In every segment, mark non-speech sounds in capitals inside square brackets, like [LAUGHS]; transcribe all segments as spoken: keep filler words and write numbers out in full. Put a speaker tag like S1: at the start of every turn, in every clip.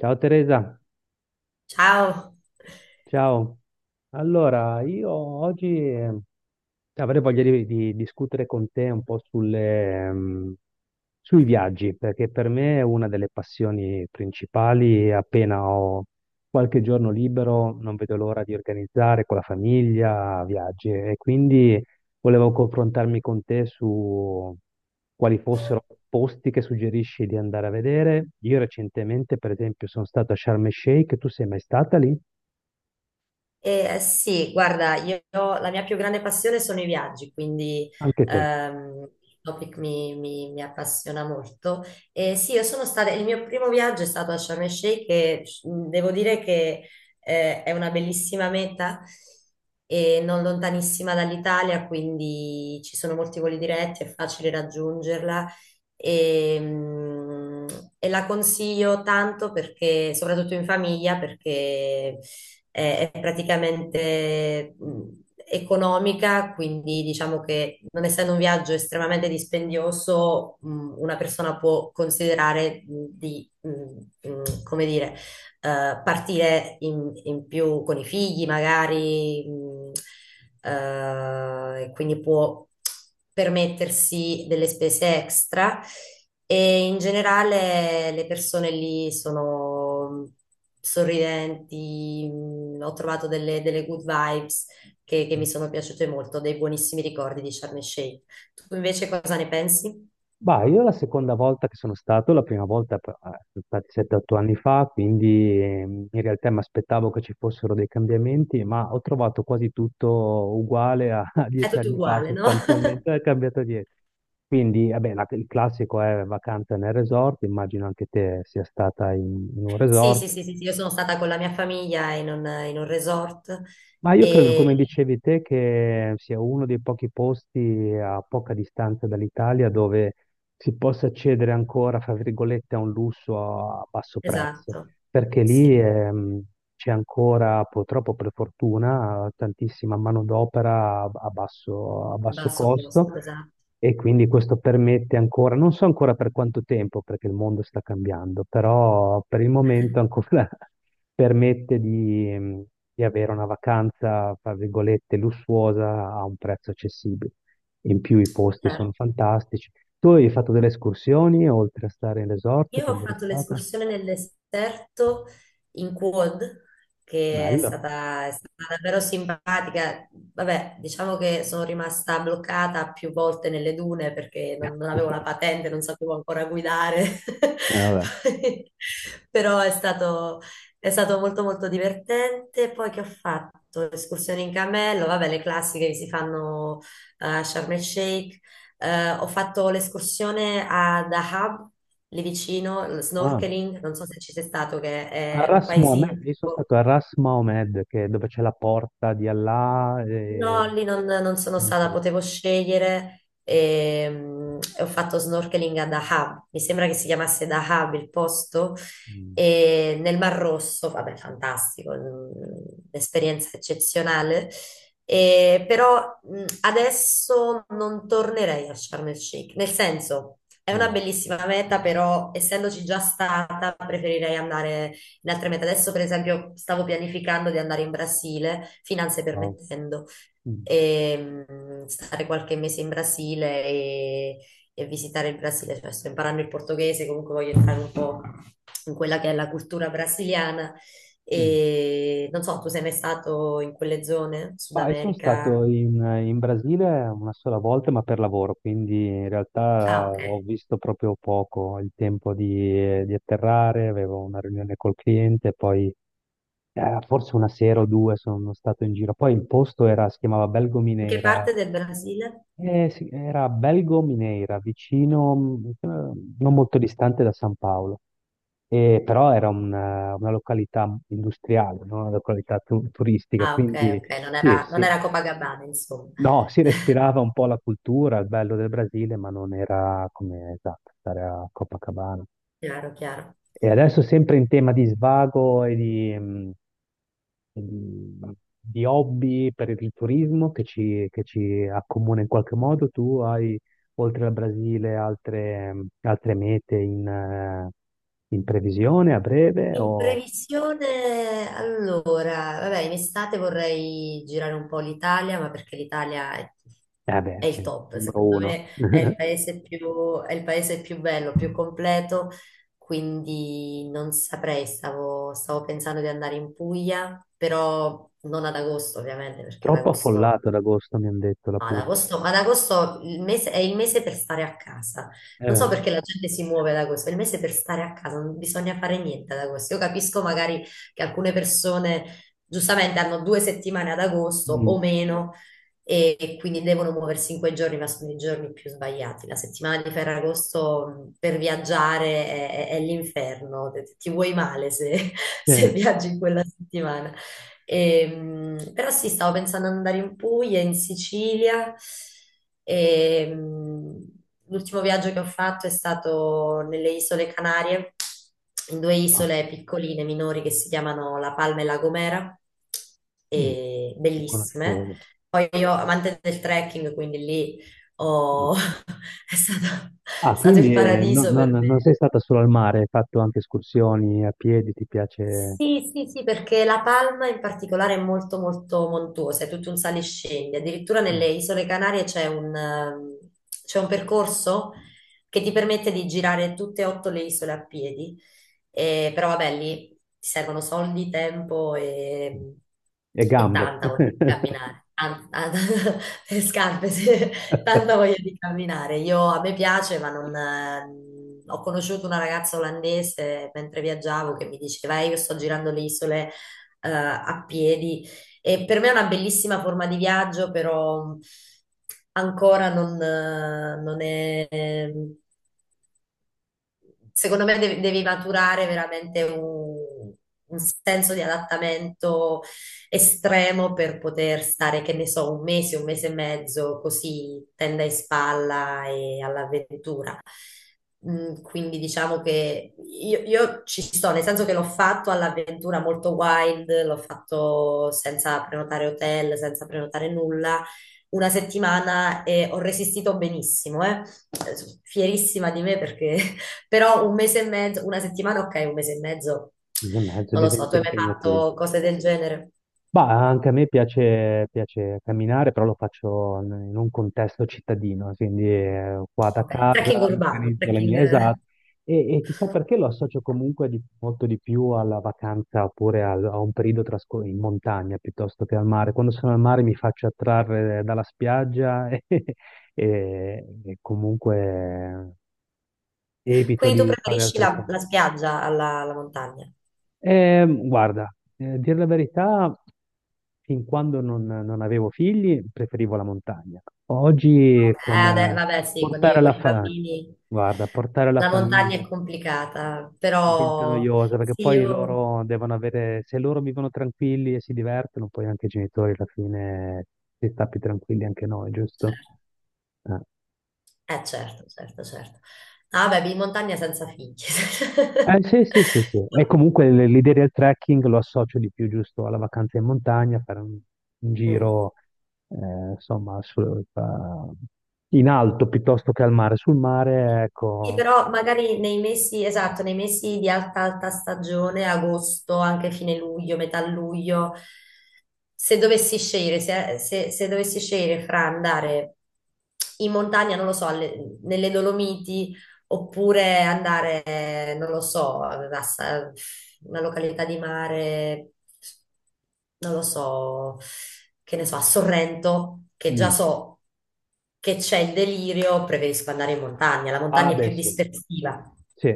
S1: Ciao Teresa.
S2: Ciao.
S1: Ciao. Allora io oggi eh, avrei voglia di, di discutere con te un po' sulle, ehm, sui viaggi, perché per me è una delle passioni principali e appena ho qualche giorno libero non vedo l'ora di organizzare con la famiglia viaggi, e quindi volevo confrontarmi con te su quali fossero posti che suggerisci di andare a vedere. Io recentemente, per esempio, sono stato a Sharm el Sheikh, tu sei mai stata lì?
S2: Eh, sì, guarda, io la mia più grande passione sono i viaggi, quindi
S1: Anche te.
S2: ehm, il topic mi, mi- mi appassiona molto. E sì, io sono stata, il mio primo viaggio è stato a Sharm el Sheikh e mh, devo dire che eh, è una bellissima meta e non lontanissima dall'Italia, quindi ci sono molti voli diretti, è facile raggiungerla e, mh, e la consiglio tanto perché, soprattutto in famiglia, perché eh, è praticamente mh, economica, quindi diciamo che non essendo un viaggio estremamente dispendioso, mh, una persona può considerare mh, di mh, mh, come dire, eh, partire in, in più con i figli, magari, mh, eh, e quindi può permettersi delle spese extra e in generale le persone lì sono sorridenti, mh, ho trovato delle, delle good vibes che, che mi sono piaciute molto, dei buonissimi ricordi di Sharm el Sheikh. Tu invece cosa ne pensi?
S1: Bah, io la seconda volta che sono stato, la prima volta eh, sono stati sette otto anni fa, quindi ehm, in realtà mi aspettavo che ci fossero dei cambiamenti, ma ho trovato quasi tutto uguale a, [LAUGHS] a
S2: È
S1: dieci
S2: tutto
S1: anni fa,
S2: uguale, no? [LAUGHS]
S1: sostanzialmente non è cambiato dietro. Quindi, vabbè, la- il classico è vacanza nel resort, immagino anche te sia stata in, in un
S2: Sì, sì,
S1: resort.
S2: sì, sì, sì, io sono stata con la mia famiglia in un, in un resort
S1: Ma io credo, come
S2: e
S1: dicevi te, che sia uno dei pochi posti a poca distanza dall'Italia dove si possa accedere ancora, fra virgolette, a un lusso a basso prezzo,
S2: esatto,
S1: perché lì
S2: sì,
S1: ehm, c'è ancora, purtroppo per fortuna, tantissima manodopera a a basso, a
S2: a
S1: basso
S2: basso
S1: costo,
S2: costo, esatto.
S1: e quindi questo permette ancora, non so ancora per quanto tempo, perché il mondo sta cambiando, però per il momento
S2: [LAUGHS]
S1: ancora [LAUGHS] permette di, ehm, di avere una vacanza, fra virgolette, lussuosa a un prezzo accessibile. In più i posti sono
S2: Certo.
S1: fantastici. Tu hai fatto delle escursioni oltre a stare in resort
S2: Io ho
S1: quando eri
S2: fatto
S1: stata?
S2: l'escursione nel deserto in quad, che è
S1: Bello.
S2: stata, è stata davvero simpatica. Vabbè, diciamo che sono rimasta bloccata più volte nelle dune perché
S1: Eh,
S2: non, non avevo la patente, non sapevo ancora guidare. [LAUGHS]
S1: vabbè.
S2: Poi- Però è stato, è stato molto molto divertente. Poi che ho fatto? Escursioni in cammello, vabbè, le classiche che si fanno a Sharm el Sheikh, eh, ho fatto l'escursione a Dahab, lì vicino, il
S1: Ah,
S2: snorkeling, non so se ci sei stato, che
S1: a
S2: è un
S1: Ras
S2: paesino
S1: Mohammed, io sono
S2: tipo.
S1: stato a Ras Mohammed, che è dove c'è la porta di Allah
S2: No,
S1: e
S2: lì non, non sono
S1: non
S2: stata,
S1: c'è...
S2: potevo scegliere e, mm, e ho fatto snorkeling a Dahab, mi sembra che si chiamasse Dahab il posto,
S1: Mm,
S2: e nel Mar Rosso, vabbè, fantastico, mm, un'esperienza eccezionale. E però mm, adesso non tornerei a Sharm el Sheikh, nel senso è una
S1: mm,
S2: bellissima meta, però essendoci già stata preferirei andare in altre mete. Adesso per esempio stavo pianificando di andare in Brasile, finanze
S1: wow,
S2: permettendo
S1: mm,
S2: e mh, stare qualche mese in Brasile e, e visitare il Brasile. Cioè, sto imparando il portoghese, comunque voglio entrare un po' in quella che è la cultura brasiliana.
S1: mm.
S2: E non so, tu sei mai stato in quelle zone, Sud
S1: Ma io sono
S2: America?
S1: stato in, in Brasile una sola volta, ma per lavoro, quindi in realtà
S2: Ah, ok.
S1: ho visto proprio poco, il tempo di, di atterrare, avevo una riunione col cliente, poi eh, forse una sera o due sono stato in giro. Poi il posto era, si chiamava Belgo.
S2: In che parte del Brasile?
S1: Eh, sì, era Belgo Mineira, vicino, mh, eh, non molto distante da San Paolo. E però era una, una località industriale, no? Una località tu- turistica,
S2: Ah, ok,
S1: quindi
S2: ok, non
S1: sì,
S2: era, non
S1: sì,
S2: era Copacabana, insomma.
S1: no, si respirava
S2: [LAUGHS]
S1: un po' la cultura, il bello del Brasile, ma non era come, esatto, stare a Copacabana.
S2: Chiaro, chiaro.
S1: E adesso sempre in tema di svago e di, mm, di, di hobby per il turismo che ci, che ci accomuna in qualche modo. Tu hai, oltre al Brasile, altre, altre mete in, eh, in previsione a breve?
S2: In
S1: O...
S2: previsione, allora, vabbè, in estate vorrei girare un po' l'Italia, ma perché l'Italia è,
S1: Eh beh,
S2: è il
S1: sì,
S2: top,
S1: numero
S2: secondo
S1: uno.
S2: me è il
S1: [LAUGHS]
S2: paese più, è il paese più bello, più completo, quindi non saprei, stavo, stavo pensando di andare in Puglia, però non ad agosto ovviamente, perché ad
S1: Troppo
S2: agosto
S1: affollato ad agosto, mi hanno detto la
S2: ad
S1: Puglia.
S2: agosto, ad agosto il mese- è il mese per stare a casa. Non
S1: Eh,
S2: so perché la gente si muove ad agosto, è il mese per stare a casa, non bisogna fare niente ad agosto. Io capisco magari che alcune persone giustamente hanno due settimane ad agosto
S1: mm,
S2: o meno e, e quindi devono muoversi in quei giorni, ma sono i giorni più sbagliati. La settimana di Ferragosto mh, per viaggiare è, è- è l'inferno, ti ti vuoi male se [LAUGHS] se
S1: eh,
S2: viaggi in quella settimana. Ehm, però sì, stavo pensando ad andare in Puglia, in Sicilia. Ehm, L'ultimo viaggio che ho fatto è stato nelle Isole Canarie, in due
S1: ah,
S2: isole piccoline, minori, che si chiamano La Palma e La Gomera,
S1: mm,
S2: e
S1: non
S2: bellissime.
S1: conoscevo.
S2: Poi io, amante del trekking, quindi lì
S1: Ah.
S2: ho- [LAUGHS] è stato,
S1: Ah,
S2: è stato il
S1: quindi eh, no-
S2: paradiso
S1: non
S2: per me.
S1: non sei stata solo al mare, hai fatto anche escursioni a piedi, ti piace?
S2: Sì, sì, sì, perché La Palma in particolare è molto molto montuosa, è tutto un sale e scendi. Addirittura
S1: Mm.
S2: nelle Isole Canarie c'è un, ehm, c'è un percorso che ti permette di girare tutte e otto le isole a piedi. Eh, però vabbè, lì ti servono soldi, tempo e, ehm,
S1: E
S2: e
S1: gambe.
S2: tanta voglia di
S1: [LAUGHS]
S2: camminare. An- an- [LAUGHS] le scarpe, sì. Tanta voglia di camminare. Io, a me piace, ma non. eh, Ho conosciuto una ragazza olandese mentre viaggiavo che mi diceva, "Eh, io sto girando le isole eh, a piedi e per me è una bellissima forma di viaggio, però ancora non, eh, non è secondo me devi, devi, maturare veramente un, un senso di adattamento estremo per poter stare, che ne so, un mese, un mese e mezzo, così tenda in spalla e all'avventura. Mm, Quindi diciamo che io, io ci sto, nel senso che l'ho fatto all'avventura molto wild, l'ho fatto senza prenotare hotel, senza prenotare nulla una settimana e ho resistito benissimo, eh. Fierissima di me perché [LAUGHS] però un mese e mezzo, una settimana, ok, un mese e mezzo,
S1: Due e mezzo
S2: non lo so, tu
S1: diventa
S2: hai mai
S1: impegnativo.
S2: fatto cose del genere?
S1: Ma anche a me piace, piace camminare, però lo faccio n- in un contesto cittadino, quindi eh, qua da
S2: Ok, trekking
S1: casa mi
S2: urbano,
S1: organizzo le
S2: trekking.
S1: mie, esatto. E, e chissà perché lo associo comunque di- molto di più alla vacanza oppure al- a, un periodo trascor- in montagna piuttosto che al mare. Quando sono al mare mi faccio attrarre dalla spiaggia [LAUGHS] e, e- e comunque eh,
S2: [LAUGHS]
S1: evito
S2: Quindi tu
S1: di fare
S2: preferisci
S1: altre
S2: la,
S1: cose.
S2: la spiaggia alla, alla montagna? Ok,
S1: Ehm, guarda, eh, dire la verità, fin quando non, non avevo figli, preferivo la montagna. Oggi
S2: vabbè,
S1: con
S2: ade-
S1: eh,
S2: vabbè, sì, con i,
S1: portare
S2: con
S1: la
S2: i
S1: fa-
S2: bambini
S1: guarda, portare la
S2: la montagna
S1: famiglia
S2: è complicata,
S1: diventa
S2: però
S1: noiosa perché
S2: sì,
S1: poi
S2: io.
S1: loro devono avere, se loro vivono tranquilli e si divertono, poi anche i genitori alla fine si sta più tranquilli anche noi, giusto? Eh.
S2: Eh certo, certo, certo. Ah, vabbè, in montagna senza figli. [LAUGHS]
S1: Eh, sì, sì, sì, sì. E comunque l- l'idea del trekking lo associo di più, giusto, alla vacanza in montagna, fare un, un
S2: Mm.
S1: giro, eh, insomma, su- fa- in alto piuttosto che al mare. Sul mare,
S2: Sì,
S1: ecco.
S2: però magari nei mesi, esatto, nei mesi di alta, alta stagione, agosto, anche fine luglio, metà luglio, se dovessi scegliere, se, se- se dovessi scegliere fra andare in montagna, non lo so, alle- nelle Dolomiti, oppure andare, eh, non lo so, a Sa- una località di mare, non lo so, che ne so, a Sorrento, che già
S1: Mm.
S2: so che c'è il delirio, preferisco andare in montagna. La
S1: Ah,
S2: montagna è
S1: beh,
S2: più
S1: sì.
S2: dispersiva.
S1: Sì.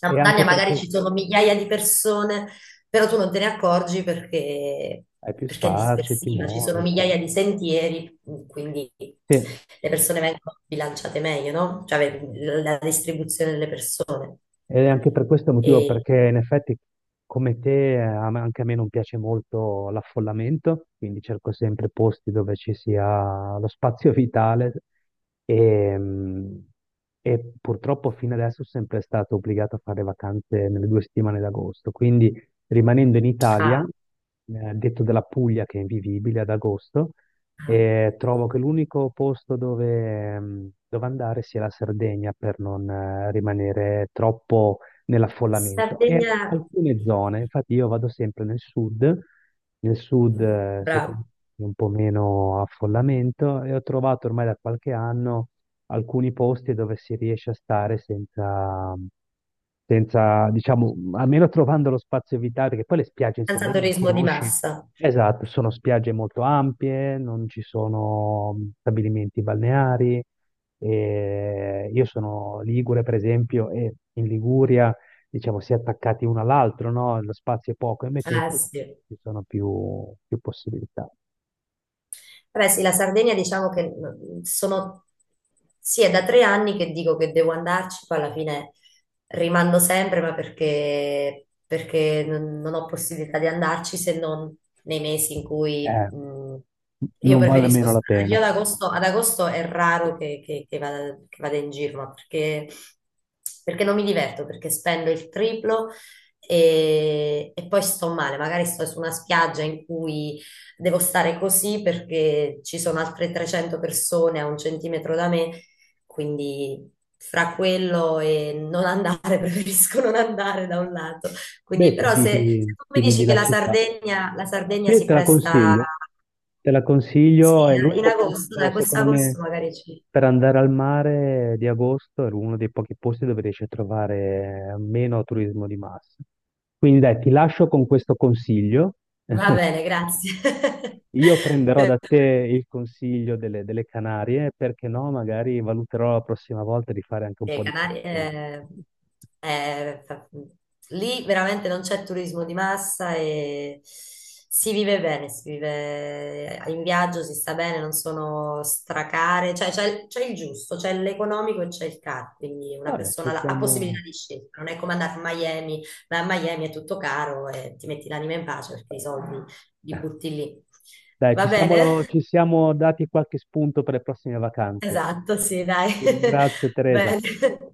S2: La
S1: E anche
S2: montagna
S1: per
S2: magari
S1: questo
S2: ci sono migliaia di persone però tu non te ne accorgi perché,
S1: hai più
S2: perché è
S1: spazi, ti
S2: dispersiva, ci sono
S1: muovi, sì.
S2: migliaia di sentieri, quindi
S1: Sì.
S2: le persone vengono bilanciate meglio, no? Cioè vedi, la la distribuzione delle persone.
S1: Ed è anche per questo motivo,
S2: E,
S1: perché in effetti come te, eh, a me- anche a me non piace molto l'affollamento, quindi cerco sempre posti dove ci sia lo spazio vitale e, mm, e purtroppo fino adesso sono sempre stato obbligato a fare vacanze nelle due settimane d'agosto, quindi rimanendo in Italia,
S2: ah,
S1: eh, detto della Puglia che è invivibile ad agosto,
S2: ah,
S1: e trovo che l'unico posto dove, ehm, dove andare sia la Sardegna, per non eh, rimanere troppo nell'affollamento. E
S2: Sardegna,
S1: alcune zone, infatti io vado sempre nel sud, nel sud eh,
S2: bravo,
S1: secondo me, un po' meno affollamento, e ho trovato ormai da qualche anno alcuni posti dove si riesce a stare senza, senza, diciamo, almeno trovando lo spazio vitale, perché poi le spiagge in
S2: senza
S1: Sardegna le
S2: turismo di
S1: conosci.
S2: massa.
S1: Esatto, sono spiagge molto ampie, non ci sono stabilimenti balneari. E io sono Ligure, per esempio, e in Liguria, diciamo, si è attaccati uno all'altro, no? Lo spazio è poco, invece in
S2: Ah,
S1: Sardegna
S2: sì.
S1: ci sono più, più possibilità.
S2: Beh, sì, la Sardegna diciamo che mm, sono, sì, è da tre anni che dico che devo andarci, poi alla fine rimando sempre, ma perché, perché non non ho possibilità di andarci se non nei mesi in cui
S1: Eh,
S2: mm, io
S1: non vale
S2: preferisco
S1: meno la
S2: stare.
S1: pena.
S2: Io ad agosto, ad agosto è raro che, che- che vada, che vada in giro, ma perché, perché non mi diverto, perché spendo il triplo e, e poi sto male, magari sto su una spiaggia in cui devo stare così perché ci sono altre trecento persone a un centimetro da me, quindi fra quello e non andare, [LAUGHS] preferisco non andare da un lato.
S1: Beh,
S2: Quindi,
S1: ti
S2: però se,
S1: vivi,
S2: se tu mi
S1: ti vivi
S2: dici che
S1: la
S2: la
S1: città.
S2: Sardegna, la Sardegna
S1: Sì,
S2: si
S1: te la
S2: presta,
S1: consiglio. Te la
S2: sì,
S1: consiglio, è
S2: in
S1: l'unico
S2: agosto,
S1: posto,
S2: dai, questo
S1: secondo me,
S2: agosto magari ci.
S1: per andare al mare di agosto, è uno dei pochi posti dove riesci a trovare meno turismo di massa. Quindi dai, ti lascio con questo consiglio.
S2: Va bene, grazie. [LAUGHS]
S1: Io prenderò
S2: Per-
S1: da te il consiglio delle, delle Canarie, perché no, magari valuterò la prossima volta di fare anche un
S2: Le
S1: po' di
S2: Canarie,
S1: trekking.
S2: eh, eh, fa- lì veramente non c'è turismo di massa e si vive bene, si vive in viaggio, si sta bene, non sono stracare, cioè c'è c'è il giusto, c'è l'economico e c'è il caro, quindi una
S1: Vabbè, ci
S2: persona la- ha
S1: siamo...
S2: possibilità di scelta, non è come andare a Miami, ma a Miami è tutto caro e ti metti l'anima in pace perché i soldi li butti lì.
S1: Dai,
S2: Va
S1: ci
S2: bene?
S1: siamo, ci
S2: [LAUGHS]
S1: siamo dati qualche spunto per le prossime vacanze.
S2: Esatto, sì, dai.
S1: Ti ringrazio,
S2: [LAUGHS]
S1: Teresa.
S2: Bene.